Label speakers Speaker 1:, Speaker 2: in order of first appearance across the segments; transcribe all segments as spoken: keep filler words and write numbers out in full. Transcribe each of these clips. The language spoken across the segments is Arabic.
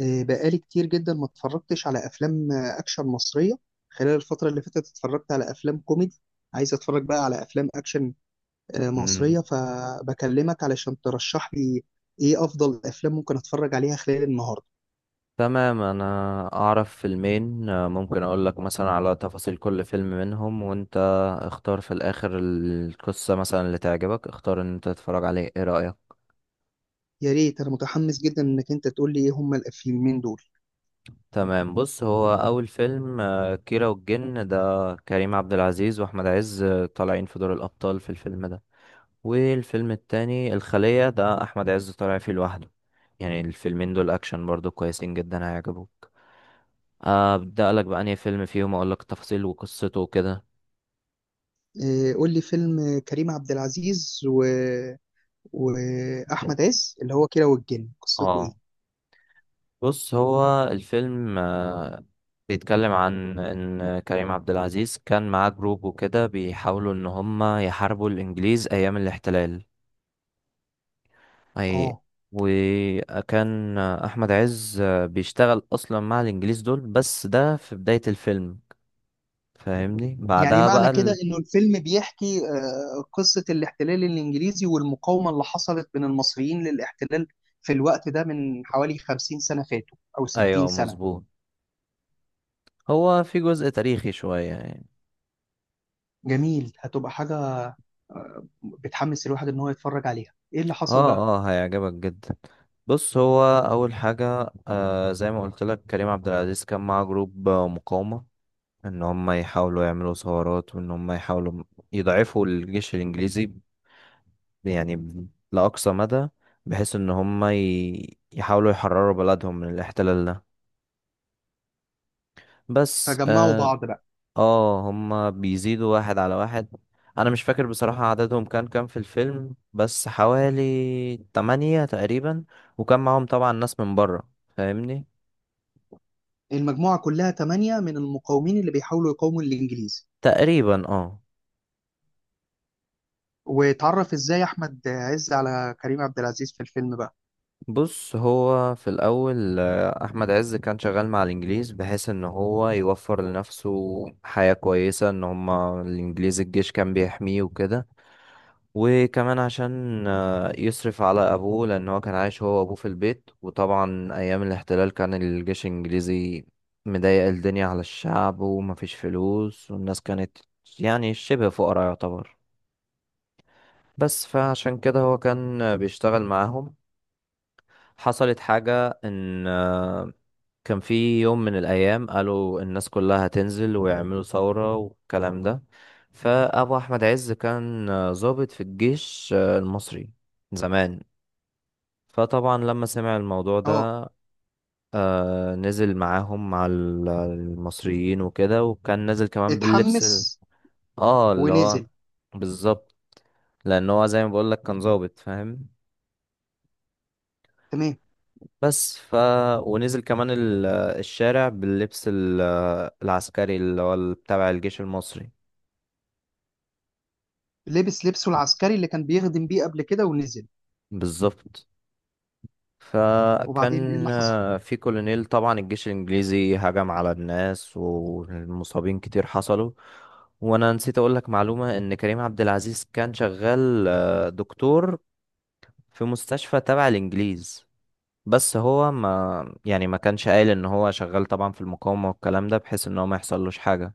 Speaker 1: آه، بقالي كتير جدا ما اتفرجتش على افلام آه، اكشن مصريه. خلال الفتره اللي فاتت اتفرجت على افلام كوميدي. عايز اتفرج بقى على افلام اكشن آه، مصريه،
Speaker 2: مم.
Speaker 1: فبكلمك علشان ترشح لي ايه افضل افلام ممكن اتفرج عليها خلال النهارده.
Speaker 2: تمام، انا اعرف فيلمين، آه، ممكن اقول لك مثلا على تفاصيل كل فيلم منهم، وانت اختار في الاخر القصة مثلا اللي تعجبك، اختار ان انت تتفرج عليه. ايه رأيك؟
Speaker 1: يا ريت، انا متحمس جدا انك انت تقول لي ايه هما الفيلمين دول.
Speaker 2: تمام، بص، هو اول فيلم آه، كيرة والجن، ده كريم عبد العزيز واحمد عز آه، طالعين في دور الابطال في الفيلم ده. والفيلم التاني الخلية، ده احمد عز طالع فيه لوحده. يعني الفيلمين دول اكشن برضو كويسين جدا، هيعجبوك. ابدا لك بأنهي فيلم فيهم، اقول لك التفاصيل وقصته وكده.
Speaker 1: آه، قول لي فيلم آه، كريم عبد العزيز و... واحمد عز اللي هو كيرة والجن، قصته
Speaker 2: اه،
Speaker 1: ايه؟
Speaker 2: بص، هو الفيلم آه، بيتكلم عن ان كريم عبد العزيز كان معاه جروب وكده، بيحاولوا ان هم يحاربوا الانجليز ايام الاحتلال. اي،
Speaker 1: اه،
Speaker 2: وكان احمد عز آه، بيشتغل اصلا مع الانجليز دول، بس ده في بداية الفيلم، فاهمني؟
Speaker 1: يعني
Speaker 2: بعدها
Speaker 1: معنى
Speaker 2: بقى
Speaker 1: كده
Speaker 2: ال...
Speaker 1: انه الفيلم بيحكي آه، قصة الاحتلال الانجليزي والمقاومة اللي حصلت من المصريين للاحتلال في الوقت ده من حوالي خمسين سنة فاتوا او ستين
Speaker 2: ايوه
Speaker 1: سنة.
Speaker 2: مظبوط، هو في جزء تاريخي شوية يعني.
Speaker 1: جميل، هتبقى حاجة آه، بتحمس الواحد ان هو يتفرج عليها. ايه اللي حصل بقى؟
Speaker 2: اه، اه هيعجبك جدا. بص، هو اول حاجه، آه زي ما قلت لك كريم عبد العزيز كان معاه جروب آه، مقاومه، ان هم يحاولوا يعملوا ثورات، وان هم يحاولوا م- يضعفوا الجيش الانجليزي ب- يعني ب- لاقصى مدى، بحيث ان هم ي- يحاولوا يحرروا بلدهم من الاحتلال ده. بس
Speaker 1: فجمعوا
Speaker 2: آه،
Speaker 1: بعض بقى.
Speaker 2: اه هما بيزيدوا واحد على واحد. انا مش فاكر بصراحة عددهم كان كام في الفيلم، بس حوالي تمانية تقريبا، وكان معاهم طبعا ناس من بره، فاهمني؟
Speaker 1: المجموعة كلها تمانية من المقاومين اللي بيحاولوا يقاوموا الانجليز.
Speaker 2: تقريبا، اه.
Speaker 1: واتعرف ازاي احمد عز على كريم عبد العزيز في الفيلم بقى؟
Speaker 2: بص، هو في الاول آه، احمد عز كان شغال مع الانجليز، بحيث ان هو يوفر لنفسه حياة كويسة، ان هما الانجليز الجيش كان بيحميه وكده. وكمان عشان آه، يصرف على أبوه، لأن هو كان عايش هو وأبوه في البيت، وطبعا أيام الاحتلال كان الجيش الإنجليزي مضايق الدنيا على الشعب، ومفيش فلوس والناس كانت يعني شبه فقراء يعتبر. بس فعشان كده هو كان آه، بيشتغل معاهم. حصلت حاجة إن آه، كان في يوم من الأيام قالوا الناس كلها هتنزل ويعملوا ثورة والكلام ده. فأبو أحمد عز كان آه، ضابط في الجيش آه، المصري زمان. فطبعا لما سمع الموضوع ده،
Speaker 1: اه،
Speaker 2: آه نزل معاهم مع ال- المصريين وكده، وكان نازل كمان باللبس ال...
Speaker 1: اتحمس
Speaker 2: اه اللي هو
Speaker 1: ونزل.
Speaker 2: بالظبط، لان هو زي ما بقول لك كان ظابط، فاهم؟
Speaker 1: تمام.
Speaker 2: بس ف ونزل كمان ال- الشارع باللبس ال- العسكري اللي هو ال- تبع الجيش المصري.
Speaker 1: لبس لبسه العسكري اللي كان بيخدم بيه قبل كده ونزل.
Speaker 2: بالظبط.
Speaker 1: وبعدين ايه
Speaker 2: فكان
Speaker 1: اللي حصل؟
Speaker 2: آه، في كولونيل، طبعا الجيش الإنجليزي هجم على الناس والمصابين كتير حصلوا. وأنا نسيت أقولك معلومة إن كريم عبد العزيز كان شغال آه، دكتور في مستشفى تبع الإنجليز، بس هو ما يعني ما كانش قايل إن هو شغال طبعا في المقاومة والكلام ده، بحيث إن هو ما يحصلوش حاجة.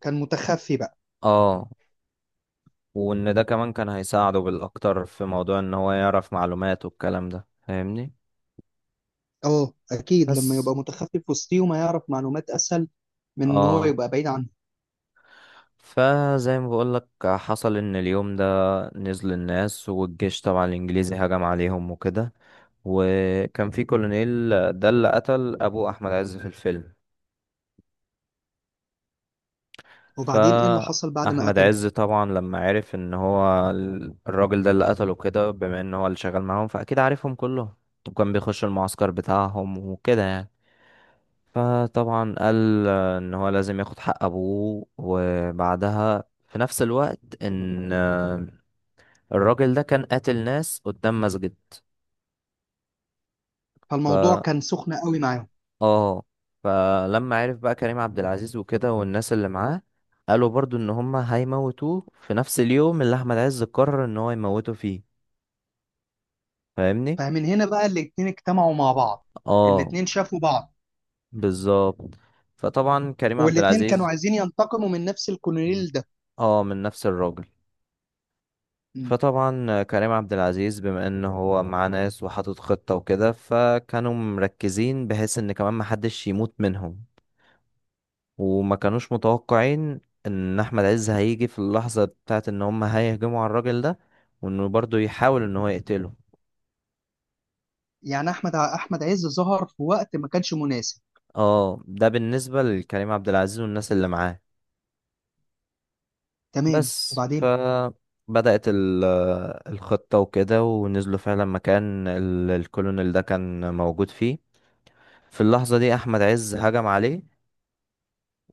Speaker 1: كان متخفي بقى.
Speaker 2: اه، وإن ده كمان كان هيساعده بالأكتر في موضوع إن هو يعرف معلومات والكلام ده، فاهمني؟
Speaker 1: اه، اكيد لما
Speaker 2: بس
Speaker 1: يبقى متخفي في وسطيهم هيعرف معلومات اسهل من ان هو
Speaker 2: اه،
Speaker 1: يبقى بعيد عنه.
Speaker 2: فزي ما بقولك حصل ان اليوم ده نزل الناس، والجيش طبعا الانجليزي هجم عليهم وكده. وكان في كولونيل، ده اللي قتل ابو احمد عز في الفيلم.
Speaker 1: وبعدين ايه اللي حصل بعد ما
Speaker 2: فاحمد
Speaker 1: قتله؟
Speaker 2: عز طبعا لما عرف ان هو ال- الراجل ده اللي قتله كده، بما ان هو اللي شغال معاهم فاكيد عارفهم كلهم، وكان بيخش المعسكر بتاعهم وكده يعني. فطبعا قال آه، ان هو لازم ياخد حق ابوه، وبعدها في نفس الوقت ان الراجل ده كان قاتل ناس قدام مسجد. ف
Speaker 1: فالموضوع كان سخن قوي معاهم.
Speaker 2: اه، فلما عرف بقى كريم عبد العزيز وكده والناس اللي معاه، قالوا برضو ان هما هيموتوه في نفس اليوم اللي احمد عز قرر ان هو يموته فيه، فاهمني؟
Speaker 1: فمن هنا بقى الاتنين اجتمعوا مع بعض.
Speaker 2: اه
Speaker 1: الاتنين شافوا بعض.
Speaker 2: بالظبط. فطبعا كريم عبد
Speaker 1: والاتنين كانوا
Speaker 2: العزيز،
Speaker 1: عايزين ينتقموا من نفس الكولونيل ده.
Speaker 2: اه من نفس الراجل.
Speaker 1: م.
Speaker 2: فطبعا كريم عبد العزيز، بما ان هو معاه ناس وحاطط خطة وكده، فكانوا مركزين بحيث ان كمان محدش يموت منهم، وما كانوش متوقعين ان احمد عز هيجي في اللحظة بتاعت ان هم هيهجموا على الراجل ده، وانه برضه يحاول ان هو يقتله.
Speaker 1: يعني احمد احمد عز ظهر في وقت ما كانش مناسب.
Speaker 2: اه، ده بالنسبة لكريم عبد العزيز والناس اللي معاه.
Speaker 1: تمام
Speaker 2: بس ف
Speaker 1: وبعدين.
Speaker 2: بدأت ال- الخطة وكده، ونزلوا فعلا مكان ال- الكولونيل ده كان موجود فيه. في اللحظة دي أحمد عز هجم عليه،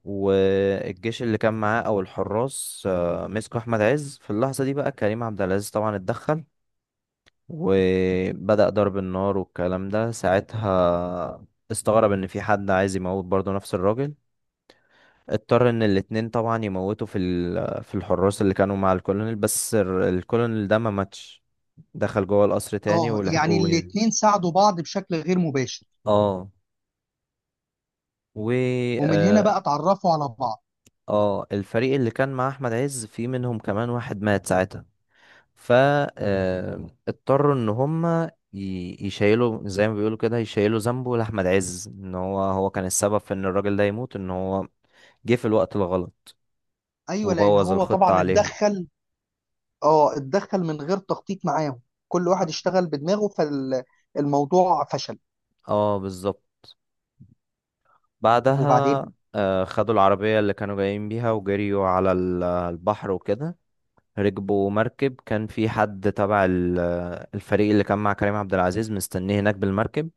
Speaker 2: والجيش اللي كان معاه أو الحراس آه، مسكوا أحمد عز. في اللحظة دي بقى كريم عبد العزيز طبعا اتدخل وبدأ ضرب النار والكلام ده. ساعتها استغرب ان في حد عايز يموت برضه نفس الراجل. اضطر ان الاتنين طبعا يموتوا في ال- في الحراس اللي كانوا مع الكولونيل، بس ال- الكولونيل ده ما ماتش، دخل جوه القصر تاني
Speaker 1: اه، يعني
Speaker 2: ولحقوه يعني.
Speaker 1: الاتنين ساعدوا بعض بشكل غير مباشر.
Speaker 2: اه. و
Speaker 1: ومن هنا
Speaker 2: اه،
Speaker 1: بقى اتعرفوا على بعض.
Speaker 2: آه، الفريق اللي كان مع احمد عز في منهم كمان واحد مات ساعتها، فاضطروا ان هم ي- يشيلوا زي ما بيقولوا كده، يشيلوا ذنبه لاحمد عز، ان هو هو كان السبب في ان الراجل ده يموت، ان هو جه في الوقت الغلط
Speaker 1: ايوه، لان
Speaker 2: وبوظ
Speaker 1: هو
Speaker 2: الخطة
Speaker 1: طبعا
Speaker 2: عليهم.
Speaker 1: اتدخل. اه اتدخل من غير تخطيط معاهم، كل واحد اشتغل بدماغه فالموضوع فشل.
Speaker 2: اه بالظبط. بعدها
Speaker 1: وبعدين؟
Speaker 2: آه، خدوا العربية اللي كانوا جايين بيها، وجريوا على ال- البحر وكده، ركبوا مركب كان في حد تبع ال- الفريق اللي كان مع كريم عبد العزيز مستنيه هناك بالمركب،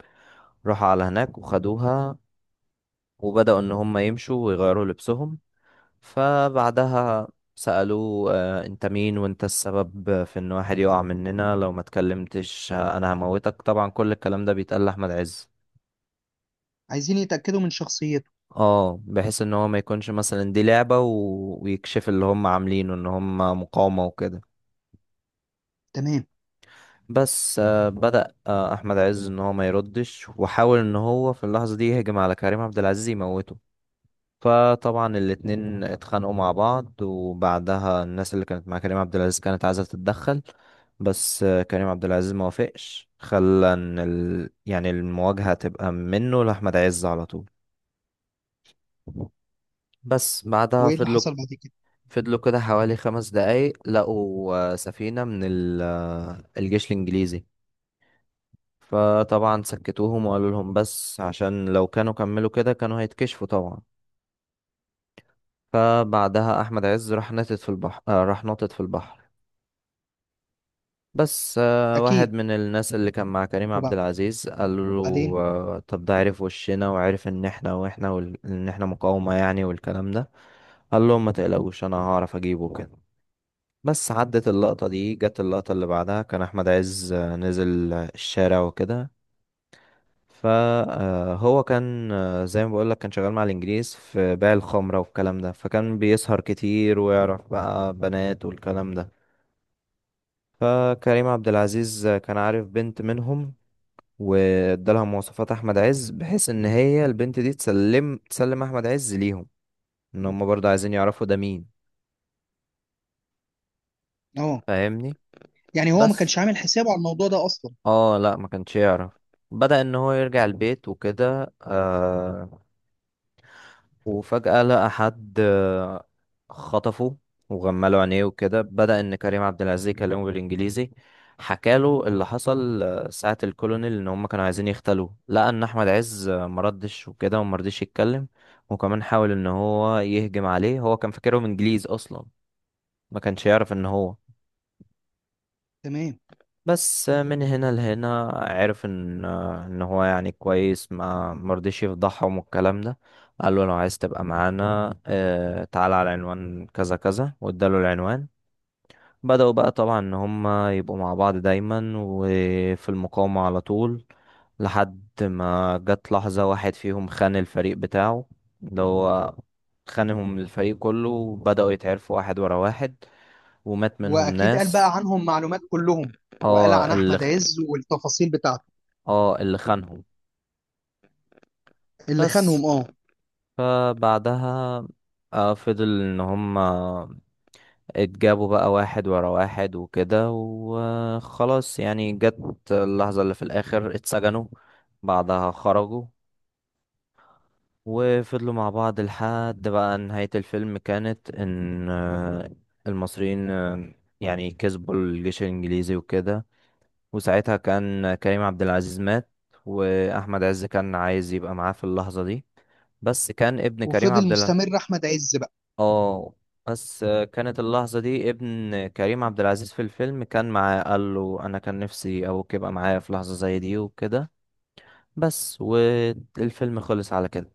Speaker 2: راحوا على هناك وخدوها، وبدأوا إن هم يمشوا ويغيروا لبسهم. فبعدها سألوه آه، انت مين، وانت السبب في ان واحد يقع مننا، لو ما اتكلمتش آه، انا هموتك، طبعا كل الكلام ده بيتقال لأحمد عز.
Speaker 1: عايزين يتاكدوا من شخصيته.
Speaker 2: اه، بحيث ان هو ما يكونش مثلا دي لعبة و... ويكشف اللي هم عاملينه ان هم مقاومة وكده.
Speaker 1: تمام،
Speaker 2: بس آه، بدأ آه، احمد عز ان هو ما يردش، وحاول ان هو في اللحظة دي يهجم على كريم عبد العزيز يموته. فطبعا الاتنين اتخانقوا مع بعض، وبعدها الناس اللي كانت مع كريم عبد العزيز كانت عايزة تتدخل، بس آه، كريم عبد العزيز ما وافقش، خلى ان ال... يعني المواجهة تبقى منه لأحمد عز على طول. بس بعدها
Speaker 1: وايه اللي
Speaker 2: فضلوا،
Speaker 1: حصل بعد كده؟
Speaker 2: فضلوا كده حوالي خمس دقايق، لقوا آه، سفينة من ال... آه، الجيش الإنجليزي. فطبعا سكتوهم وقالوا لهم بس، عشان لو كانوا كملوا كده كانوا هيتكشفوا طبعا. فبعدها أحمد عز راح نطت في البحر، آه، راح نطت في البحر بس آه، واحد
Speaker 1: اكيد.
Speaker 2: من الناس اللي كان مع كريم عبد العزيز قال له
Speaker 1: وبعدين؟
Speaker 2: آه، طب ده عرف وشنا، وعرف ان احنا واحنا وال... ان احنا مقاومة يعني والكلام ده. قال لهم ما تقلقوش انا هعرف اجيبه كده. بس عدت اللقطة دي، جت اللقطة اللي بعدها كان احمد عز آه، نزل آه، الشارع وكده. فهو كان آه، زي ما بقولك كان شغال مع الانجليز في بيع الخمرة والكلام ده، فكان بيسهر كتير ويعرف بقى بنات والكلام ده. فكريم عبد العزيز كان عارف بنت منهم، وادالها مواصفات احمد عز، بحيث ان هي البنت دي تسلم، تسلم احمد عز ليهم، ان هم برضه عايزين يعرفوا ده مين،
Speaker 1: اه،
Speaker 2: فاهمني؟
Speaker 1: يعني هو ما كانش
Speaker 2: بس
Speaker 1: عامل حسابه على الموضوع ده اصلا.
Speaker 2: اه لا، ما كانش يعرف. بدأ ان هو يرجع البيت وكده، آه، وفجأة لقى حد آه، خطفه وغمله عينيه وكده. بدأ إن كريم عبد العزيز يكلمه بالإنجليزي، حكاله اللي حصل آه، ساعة الكولونيل إن هما كانوا عايزين يغتالوه. لقى إن أحمد عز آه، مردش وكده ومرضيش يتكلم، وكمان حاول إن هو يهجم عليه، هو كان فاكرهم إنجليز أصلا، ما كانش يعرف إن هو.
Speaker 1: تمام.
Speaker 2: بس من هنا لهنا عرف ان ان هو يعني كويس، ما مرضيش يفضحهم والكلام ده. قال له لو عايز تبقى معانا آه، تعال على العنوان كذا كذا، واداله العنوان. بدأوا بقى طبعا ان هم يبقوا مع بعض دايما وفي المقاومة على طول، لحد ما جت لحظة واحد فيهم خان الفريق بتاعه، اللي هو خانهم الفريق كله، وبدأوا يتعرفوا واحد ورا واحد، ومات منهم
Speaker 1: واكيد قال
Speaker 2: ناس.
Speaker 1: بقى عنهم معلومات كلهم، وقال عن
Speaker 2: اه اللي
Speaker 1: احمد عز والتفاصيل بتاعته.
Speaker 2: اه اللي خانهم.
Speaker 1: اللي
Speaker 2: بس
Speaker 1: خانهم، اه.
Speaker 2: فبعدها آه، فضل ان هم اتجابوا بقى واحد ورا واحد وكده، وخلاص يعني جت اللحظة اللي في الاخر اتسجنوا، بعدها خرجوا، وفضلوا مع بعض. لحد بقى نهاية الفيلم، كانت ان آه، المصريين آه، يعني كسبوا الجيش الانجليزي وكده. وساعتها كان كريم عبد العزيز مات، واحمد عز كان عايز يبقى معاه في اللحظة دي، بس كان ابن كريم
Speaker 1: وفضل
Speaker 2: عبد،
Speaker 1: مستمر احمد عز بقى.
Speaker 2: اه، بس كانت اللحظة دي ابن كريم عبد العزيز في الفيلم كان معاه، قال له أنا كان نفسي أبوك يبقى معايا في لحظة زي دي وكده. بس والفيلم خلص على كده.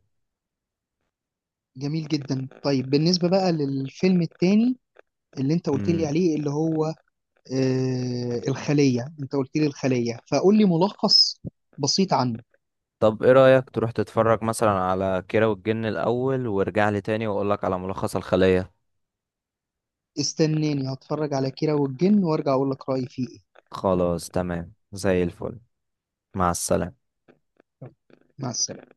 Speaker 1: جميل جدا، طيب بالنسبه بقى للفيلم التاني اللي انت قلت لي
Speaker 2: مم.
Speaker 1: عليه، اللي هو آه، الخلية. انت قلت لي الخلية، فقول لي ملخص بسيط عنه.
Speaker 2: طب ايه رأيك تروح تتفرج مثلا على كيرة والجن الأول، وارجع لي تاني وأقولك على ملخص الخلية.
Speaker 1: استناني هتفرج على كيرة والجن وارجع اقول لك رأيي فيه ايه.
Speaker 2: خلاص تمام زي الفل، مع السلامة.
Speaker 1: مع السلامة.